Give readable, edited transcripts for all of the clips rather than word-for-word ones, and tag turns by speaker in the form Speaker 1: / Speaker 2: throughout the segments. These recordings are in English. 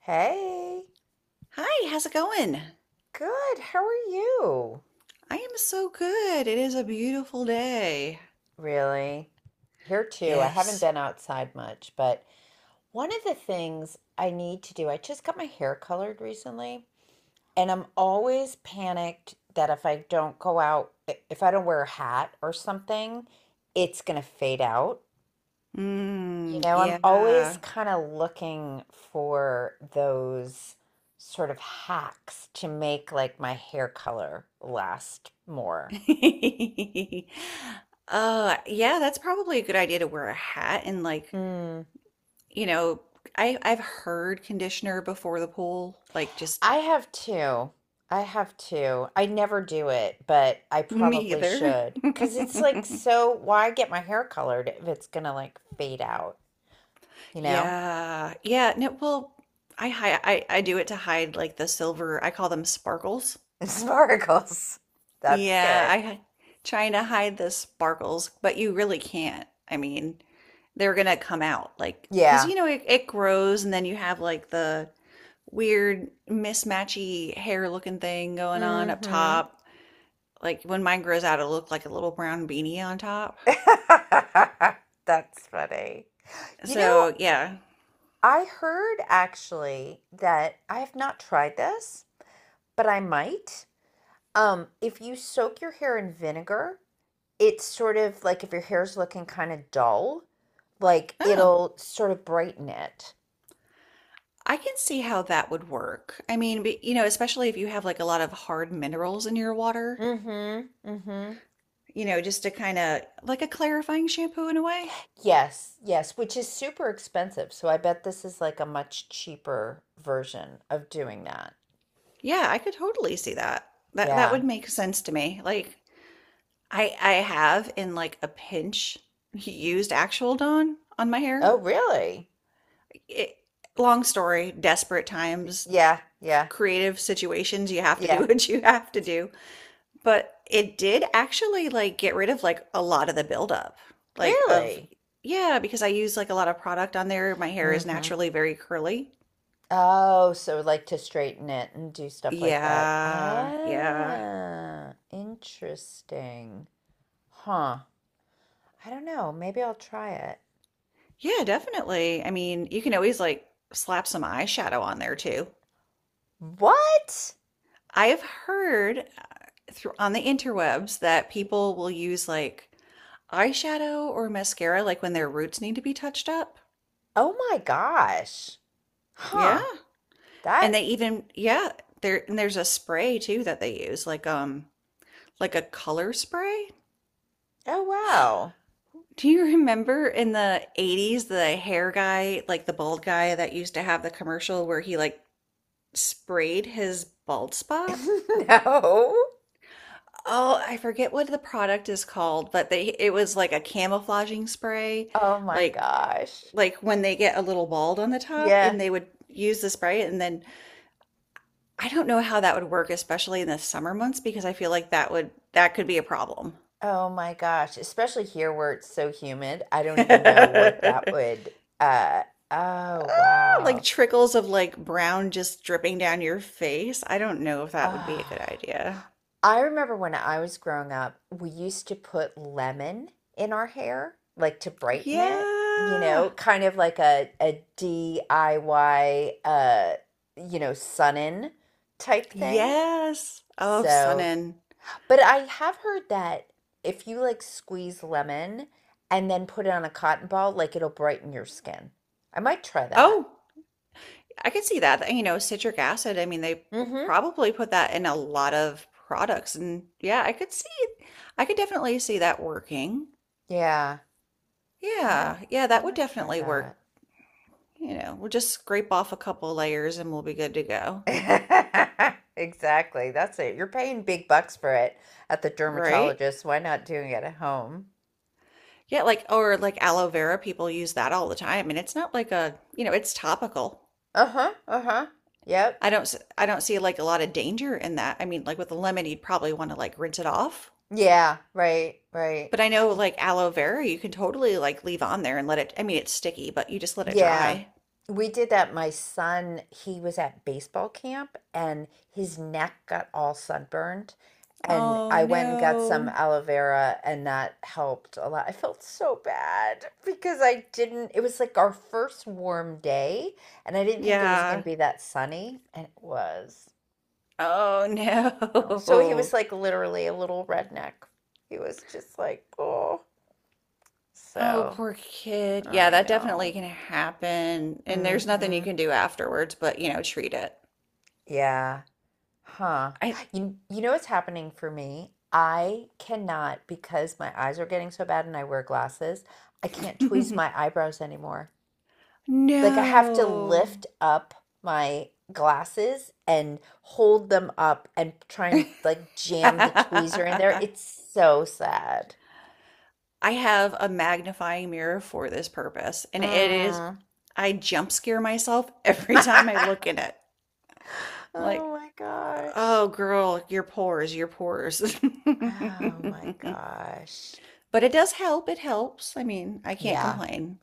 Speaker 1: Hey,
Speaker 2: Hi, how's it going?
Speaker 1: good. How are you?
Speaker 2: I am so good. It is a beautiful day.
Speaker 1: Really? Here too. I haven't
Speaker 2: Yes.
Speaker 1: been outside much, but one of the things I need to do, I just got my hair colored recently, and I'm always panicked that if I don't go out, if I don't wear a hat or something, it's going to fade out. You
Speaker 2: Mm,
Speaker 1: know, I'm always
Speaker 2: yeah.
Speaker 1: kind of looking for those sort of hacks to make like my hair color last more.
Speaker 2: Yeah, that's probably a good idea to wear a hat and like,
Speaker 1: Hmm.
Speaker 2: you know, I've heard conditioner before the pool, like just
Speaker 1: I have two. I have two. I never do it, but I
Speaker 2: me
Speaker 1: probably
Speaker 2: either.
Speaker 1: should. Because it's like, so why get my hair colored if it's gonna like fade out, you know?
Speaker 2: Yeah. No, well, I hi I do it to hide like the silver, I call them sparkles.
Speaker 1: Sparkles. That's
Speaker 2: Yeah,
Speaker 1: good.
Speaker 2: I' trying to hide the sparkles, but you really can't. I mean, they're gonna come out like because
Speaker 1: Yeah.
Speaker 2: you know it grows, and then you have like the weird mismatchy hair looking thing going on up
Speaker 1: Mm-hmm.
Speaker 2: top. Like when mine grows out, it'll look like a little brown beanie on top.
Speaker 1: That's funny. You know,
Speaker 2: So yeah.
Speaker 1: I heard actually that I have not tried this, but I might. If you soak your hair in vinegar, it's sort of like if your hair's looking kind of dull, like
Speaker 2: Oh,
Speaker 1: it'll sort of brighten it.
Speaker 2: I can see how that would work. I mean, but, you know, especially if you have like a lot of hard minerals in your water,
Speaker 1: Mm-hmm. Mm-hmm.
Speaker 2: you know, just to kind of like a clarifying shampoo in a way.
Speaker 1: Yes, yes, which is super expensive. So I bet this is like a much cheaper version of doing that.
Speaker 2: Yeah, I could totally see that. That
Speaker 1: Yeah.
Speaker 2: would make sense to me. Like I have in like a pinch used actual Dawn on my hair.
Speaker 1: Oh, really?
Speaker 2: It, long story, desperate times,
Speaker 1: Yeah, yeah,
Speaker 2: creative situations, you have to do
Speaker 1: yeah.
Speaker 2: what you have to do. But it did actually like get rid of like a lot of the buildup. Like of
Speaker 1: Really?
Speaker 2: yeah, because I use like a lot of product on there. My hair is
Speaker 1: Mm-hmm.
Speaker 2: naturally very curly.
Speaker 1: Oh, so like to straighten it and do stuff like that.
Speaker 2: Yeah, yeah.
Speaker 1: Ah, interesting. Huh. I don't know. Maybe I'll try it.
Speaker 2: Yeah, definitely. I mean, you can always like slap some eyeshadow on there too.
Speaker 1: What?
Speaker 2: I have heard through on the interwebs that people will use like eyeshadow or mascara like when their roots need to be touched up.
Speaker 1: Oh my gosh.
Speaker 2: Yeah.
Speaker 1: Huh.
Speaker 2: And
Speaker 1: That,
Speaker 2: they even yeah, there's a spray too that they use like a color spray.
Speaker 1: oh wow.
Speaker 2: Do you remember in the 80s the hair guy, like the bald guy that used to have the commercial where he like sprayed his bald spot?
Speaker 1: No.
Speaker 2: Oh, I forget what the product is called, but they it was like a camouflaging spray,
Speaker 1: Oh my
Speaker 2: like
Speaker 1: gosh.
Speaker 2: like when they get a little bald on the top
Speaker 1: Yeah.
Speaker 2: and they would use the spray and then I don't know how that would work, especially in the summer months, because I feel like that would that could be a problem.
Speaker 1: Oh my gosh. Especially here where it's so humid. I don't even know what that would. uh oh
Speaker 2: Ah, like
Speaker 1: wow.
Speaker 2: trickles of like brown just dripping down your face. I don't know if that would be a good
Speaker 1: Ah.
Speaker 2: idea.
Speaker 1: I remember when I was growing up, we used to put lemon in our hair, like to brighten it, you
Speaker 2: Yeah.
Speaker 1: know, kind of like a DIY Sun In type thing.
Speaker 2: Yes. Oh, sun
Speaker 1: So.
Speaker 2: in.
Speaker 1: But I have heard that if you like squeeze lemon and then put it on a cotton ball, like it'll brighten your skin. I might try that.
Speaker 2: Oh, I can see that. You know, citric acid, I mean, they
Speaker 1: Mm-hmm.
Speaker 2: probably put that in a lot of products. And yeah, I could see, I could definitely see that working.
Speaker 1: Yeah, I might
Speaker 2: Yeah, yeah,
Speaker 1: I
Speaker 2: that would
Speaker 1: might try
Speaker 2: definitely work. You know, we'll just scrape off a couple layers and we'll be good to go.
Speaker 1: that. Exactly. That's it. You're paying big bucks for it at the
Speaker 2: Right?
Speaker 1: dermatologist. Why not doing it at home?
Speaker 2: Yeah, like, or like aloe vera, people use that all the time. And it's not like a, you know, it's topical.
Speaker 1: Uh-huh. Uh-huh. Yep.
Speaker 2: I don't see like a lot of danger in that. I mean, like with the lemon, you'd probably want to like rinse it off.
Speaker 1: Yeah, right, right.
Speaker 2: But I know like aloe vera, you can totally like leave on there and let it, I mean, it's sticky, but you just let it
Speaker 1: Yeah,
Speaker 2: dry.
Speaker 1: we did that. My son, he was at baseball camp and his neck got all sunburned. And
Speaker 2: Oh
Speaker 1: I went and got some
Speaker 2: no.
Speaker 1: aloe vera, and that helped a lot. I felt so bad because I didn't, it was like our first warm day, and I didn't think it was going to
Speaker 2: Yeah.
Speaker 1: be that sunny, and it was.
Speaker 2: Oh
Speaker 1: You know? So he was
Speaker 2: no.
Speaker 1: like literally a little redneck. He was just like, oh.
Speaker 2: Oh,
Speaker 1: So
Speaker 2: poor kid. Yeah,
Speaker 1: I
Speaker 2: that definitely
Speaker 1: know.
Speaker 2: can happen. And there's nothing you
Speaker 1: Mm.
Speaker 2: can do afterwards, but you know, treat it.
Speaker 1: Yeah. Huh.
Speaker 2: I
Speaker 1: You know what's happening for me? I cannot because my eyes are getting so bad and I wear glasses. I can't tweeze my eyebrows anymore. Like I have to
Speaker 2: no.
Speaker 1: lift up my glasses and hold them up and try and like jam the tweezer in there.
Speaker 2: I
Speaker 1: It's so sad.
Speaker 2: have a magnifying mirror for this purpose, and it is
Speaker 1: Mm.
Speaker 2: I jump scare myself every time I look in it.
Speaker 1: Oh
Speaker 2: Like,
Speaker 1: my gosh.
Speaker 2: oh, girl, your pores, your pores.
Speaker 1: Oh my gosh.
Speaker 2: But it does help. It helps. I mean, I can't
Speaker 1: Yeah.
Speaker 2: complain.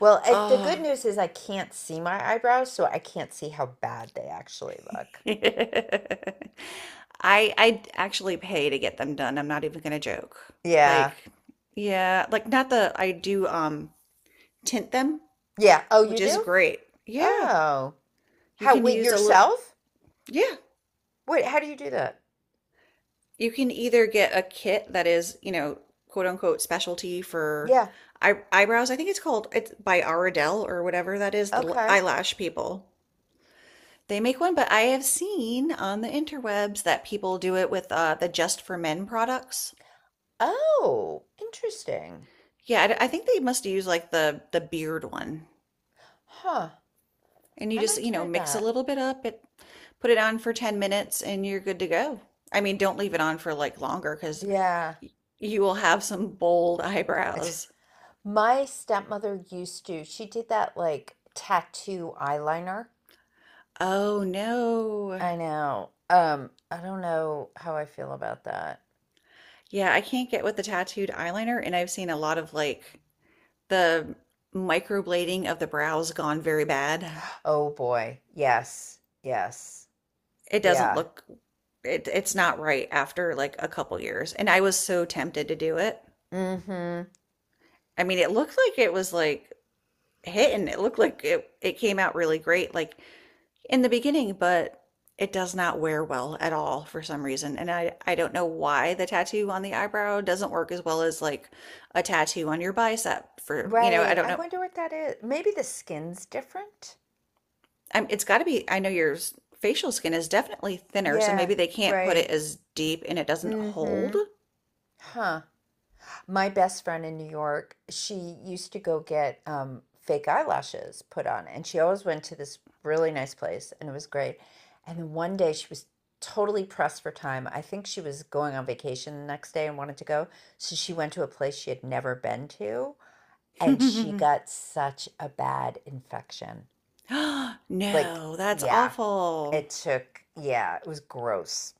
Speaker 1: Well, I, the
Speaker 2: Oh.
Speaker 1: good news is I can't see my eyebrows, so I can't see how bad they actually look.
Speaker 2: I I actually pay to get them done. I'm not even gonna joke.
Speaker 1: Yeah.
Speaker 2: Like, yeah, like not the I do tint them,
Speaker 1: Yeah. Oh, you
Speaker 2: which is
Speaker 1: do?
Speaker 2: great. Yeah,
Speaker 1: Oh.
Speaker 2: you
Speaker 1: How,
Speaker 2: can
Speaker 1: with
Speaker 2: use a little.
Speaker 1: yourself?
Speaker 2: Yeah,
Speaker 1: Wait, how do you do that?
Speaker 2: you can either get a kit that is, you know, quote unquote specialty for
Speaker 1: Yeah.
Speaker 2: eyebrows. I think it's called it's by Ardell or whatever that is, the
Speaker 1: Okay.
Speaker 2: eyelash people. They make one, but I have seen on the interwebs that people do it with the Just for Men products.
Speaker 1: Oh, interesting.
Speaker 2: Yeah, I think they must use like the beard one,
Speaker 1: Huh.
Speaker 2: and you
Speaker 1: I
Speaker 2: just
Speaker 1: might
Speaker 2: you know
Speaker 1: try
Speaker 2: mix a
Speaker 1: that.
Speaker 2: little bit up, it put it on for 10 minutes, and you're good to go. I mean, don't leave it on for like longer because
Speaker 1: Yeah.
Speaker 2: you will have some bold
Speaker 1: It's-
Speaker 2: eyebrows.
Speaker 1: My stepmother used to, she did that like tattoo eyeliner.
Speaker 2: Oh no.
Speaker 1: I know. I don't know how I feel about that.
Speaker 2: Yeah, I can't get with the tattooed eyeliner, and I've seen a lot of like the microblading of the brows gone very bad.
Speaker 1: Oh boy. Yes. Yes.
Speaker 2: It doesn't
Speaker 1: Yeah.
Speaker 2: look it it's not right after like a couple years. And I was so tempted to do it.
Speaker 1: Mm-hmm.
Speaker 2: I mean, it looked like it was like hitting. It looked like it came out really great like in the beginning, but it does not wear well at all for some reason. And I don't know why the tattoo on the eyebrow doesn't work as well as like a tattoo on your bicep for, you know, I
Speaker 1: Right.
Speaker 2: don't
Speaker 1: I
Speaker 2: know.
Speaker 1: wonder what that is. Maybe the skin's different.
Speaker 2: I'm, it's got to be, I know your facial skin is definitely thinner, so
Speaker 1: Yeah,
Speaker 2: maybe they can't put it
Speaker 1: right.
Speaker 2: as deep and it doesn't
Speaker 1: Mm-hmm.
Speaker 2: hold.
Speaker 1: Huh. My best friend in New York, she used to go get fake eyelashes put on, and she always went to this really nice place, and it was great. And then one day she was totally pressed for time. I think she was going on vacation the next day and wanted to go. So she went to a place she had never been to, and she got such a bad infection. Like,
Speaker 2: No, that's
Speaker 1: yeah,
Speaker 2: awful.
Speaker 1: it took, yeah, it was gross.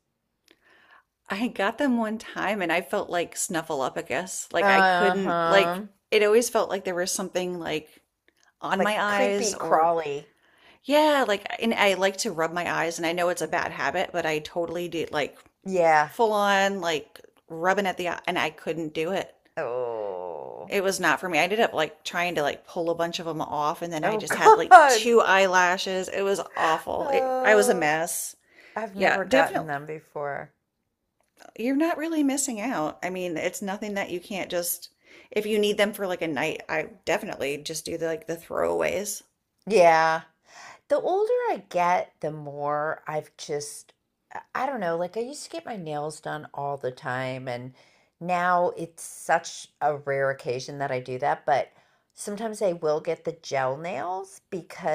Speaker 2: I got them one time and I felt like Snuffleupagus. Like I
Speaker 1: Uh
Speaker 2: couldn't, like,
Speaker 1: huh.
Speaker 2: it always felt like there was something like on my
Speaker 1: Like creepy
Speaker 2: eyes or
Speaker 1: crawly.
Speaker 2: yeah, like and I like to rub my eyes and I know it's a bad habit, but I totally did like
Speaker 1: Yeah.
Speaker 2: full on like rubbing at the eye and I couldn't do it.
Speaker 1: Oh.
Speaker 2: It was not for me. I ended up like trying to like pull a bunch of them off and then I
Speaker 1: Oh,
Speaker 2: just had like
Speaker 1: God.
Speaker 2: two eyelashes. It was awful. It, I was a
Speaker 1: Oh.
Speaker 2: mess.
Speaker 1: I've
Speaker 2: Yeah,
Speaker 1: never gotten
Speaker 2: definitely.
Speaker 1: them before.
Speaker 2: You're not really missing out. I mean, it's nothing that you can't just if you need them for like a night, I definitely just do the like the throwaways.
Speaker 1: Yeah. The older I get, the more I've just, I don't know, like I used to get my nails done all the time, and now it's such a rare occasion that I do that. But sometimes I will get the gel nails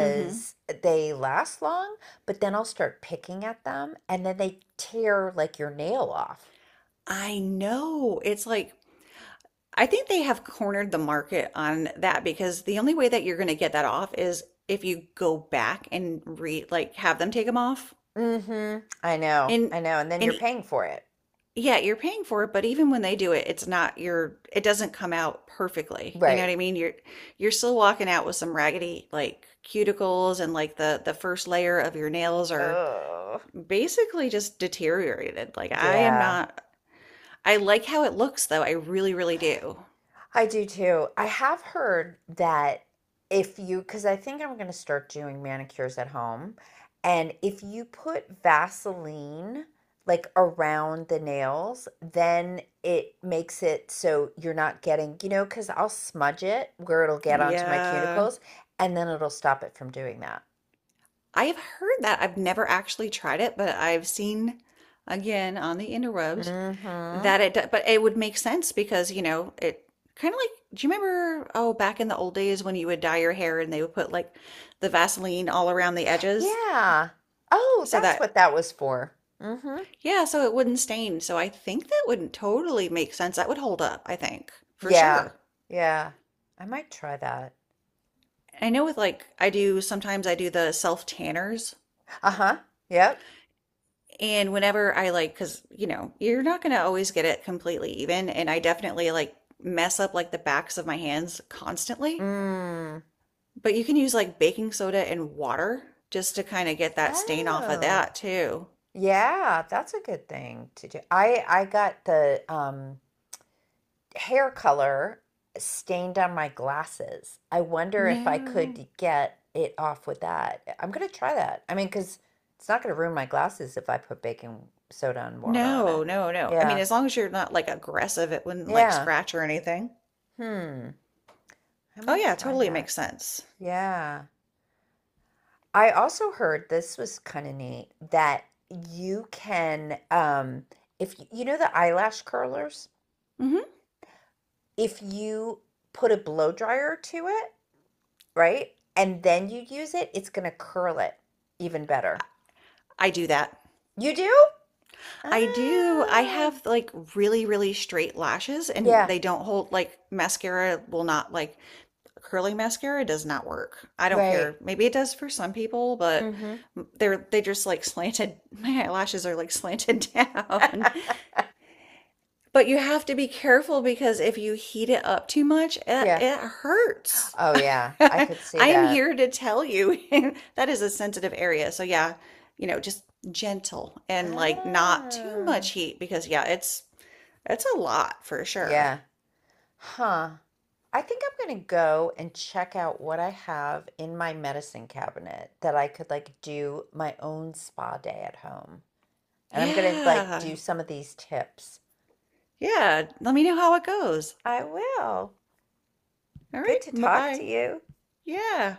Speaker 2: Hmm.
Speaker 1: they last long, but then I'll start picking at them and then they tear like your nail off.
Speaker 2: I know. It's like I think they have cornered the market on that because the only way that you're going to get that off is if you go back and re like have them take them off.
Speaker 1: Mm-hmm. I know,
Speaker 2: And
Speaker 1: I know. And then
Speaker 2: and
Speaker 1: you're
Speaker 2: e-
Speaker 1: paying for it.
Speaker 2: yeah, you're paying for it, but even when they do it, it's not your it doesn't come out perfectly. You know what
Speaker 1: Right.
Speaker 2: I mean? You're still walking out with some raggedy like cuticles and like the first layer of your nails are
Speaker 1: Oh,
Speaker 2: basically just deteriorated. Like I am
Speaker 1: yeah.
Speaker 2: not I like how it looks though. I really, really do.
Speaker 1: I do too. I have heard that if you, because I think I'm going to start doing manicures at home, and if you put Vaseline like around the nails, then it makes it so you're not getting, you know, because I'll smudge it where it'll get onto my
Speaker 2: Yeah.
Speaker 1: cuticles, and then it'll stop it from doing that.
Speaker 2: I have heard that. I've never actually tried it, but I've seen again on the interwebs
Speaker 1: Mm-hmm.
Speaker 2: that it, but it would make sense because, you know, it kind of like, do you remember, oh, back in the old days when you would dye your hair and they would put like the Vaseline all around the edges
Speaker 1: Yeah. Oh,
Speaker 2: so
Speaker 1: that's
Speaker 2: that,
Speaker 1: what that was for. Mm-hmm.
Speaker 2: yeah, so it wouldn't stain. So I think that would totally make sense. That would hold up, I think, for
Speaker 1: Yeah.
Speaker 2: sure.
Speaker 1: Yeah. I might try that.
Speaker 2: I know with like, I do sometimes I do the self tanners.
Speaker 1: Uh-huh. Yep.
Speaker 2: And whenever I like, because you know, you're not going to always get it completely even. And I definitely like mess up like the backs of my hands constantly.
Speaker 1: Mm.
Speaker 2: But you can use like baking soda and water just to kind of get that stain off of
Speaker 1: Oh,
Speaker 2: that too.
Speaker 1: yeah, that's a good thing to do. I got the hair color stained on my glasses. I wonder if I
Speaker 2: No,
Speaker 1: could get it off with that. I'm gonna try that. I mean, because it's not gonna ruin my glasses if I put baking soda and water on it.
Speaker 2: no, no, no. I mean,
Speaker 1: Yeah.
Speaker 2: as long as you're not like aggressive, it wouldn't like
Speaker 1: Yeah.
Speaker 2: scratch or anything.
Speaker 1: Hmm. I
Speaker 2: Oh,
Speaker 1: might
Speaker 2: yeah,
Speaker 1: try
Speaker 2: totally
Speaker 1: that.
Speaker 2: makes sense.
Speaker 1: Yeah. I also heard this was kind of neat that you can, if you, you know the eyelash curlers,
Speaker 2: Hmm.
Speaker 1: if you put a blow dryer to it, right? And then you use it, it's gonna curl it even
Speaker 2: I
Speaker 1: better.
Speaker 2: I do that.
Speaker 1: You do?
Speaker 2: I do. I
Speaker 1: Ah,
Speaker 2: have like really, really straight lashes and
Speaker 1: yeah,
Speaker 2: they don't hold like mascara will not like curling mascara does not work. I don't
Speaker 1: right.
Speaker 2: care. Maybe it does for some people, but
Speaker 1: Mm-hmm.
Speaker 2: they just like slanted my eyelashes are like slanted down. But you have to be careful because if you heat it up too much,
Speaker 1: Yeah.
Speaker 2: it hurts.
Speaker 1: Oh, yeah. I
Speaker 2: I
Speaker 1: could see
Speaker 2: am
Speaker 1: that.
Speaker 2: here to tell you that is a sensitive area. So yeah, you know, just gentle and like not too
Speaker 1: Ah,
Speaker 2: much heat because yeah, it's a lot for sure.
Speaker 1: yeah. Huh. I think I'm gonna go and check out what I have in my medicine cabinet that I could like do my own spa day at home. And I'm gonna like do
Speaker 2: Yeah.
Speaker 1: some of these tips.
Speaker 2: Yeah, let me know how it goes.
Speaker 1: I will.
Speaker 2: All right,
Speaker 1: Good to talk to
Speaker 2: bye-bye.
Speaker 1: you.
Speaker 2: Yeah.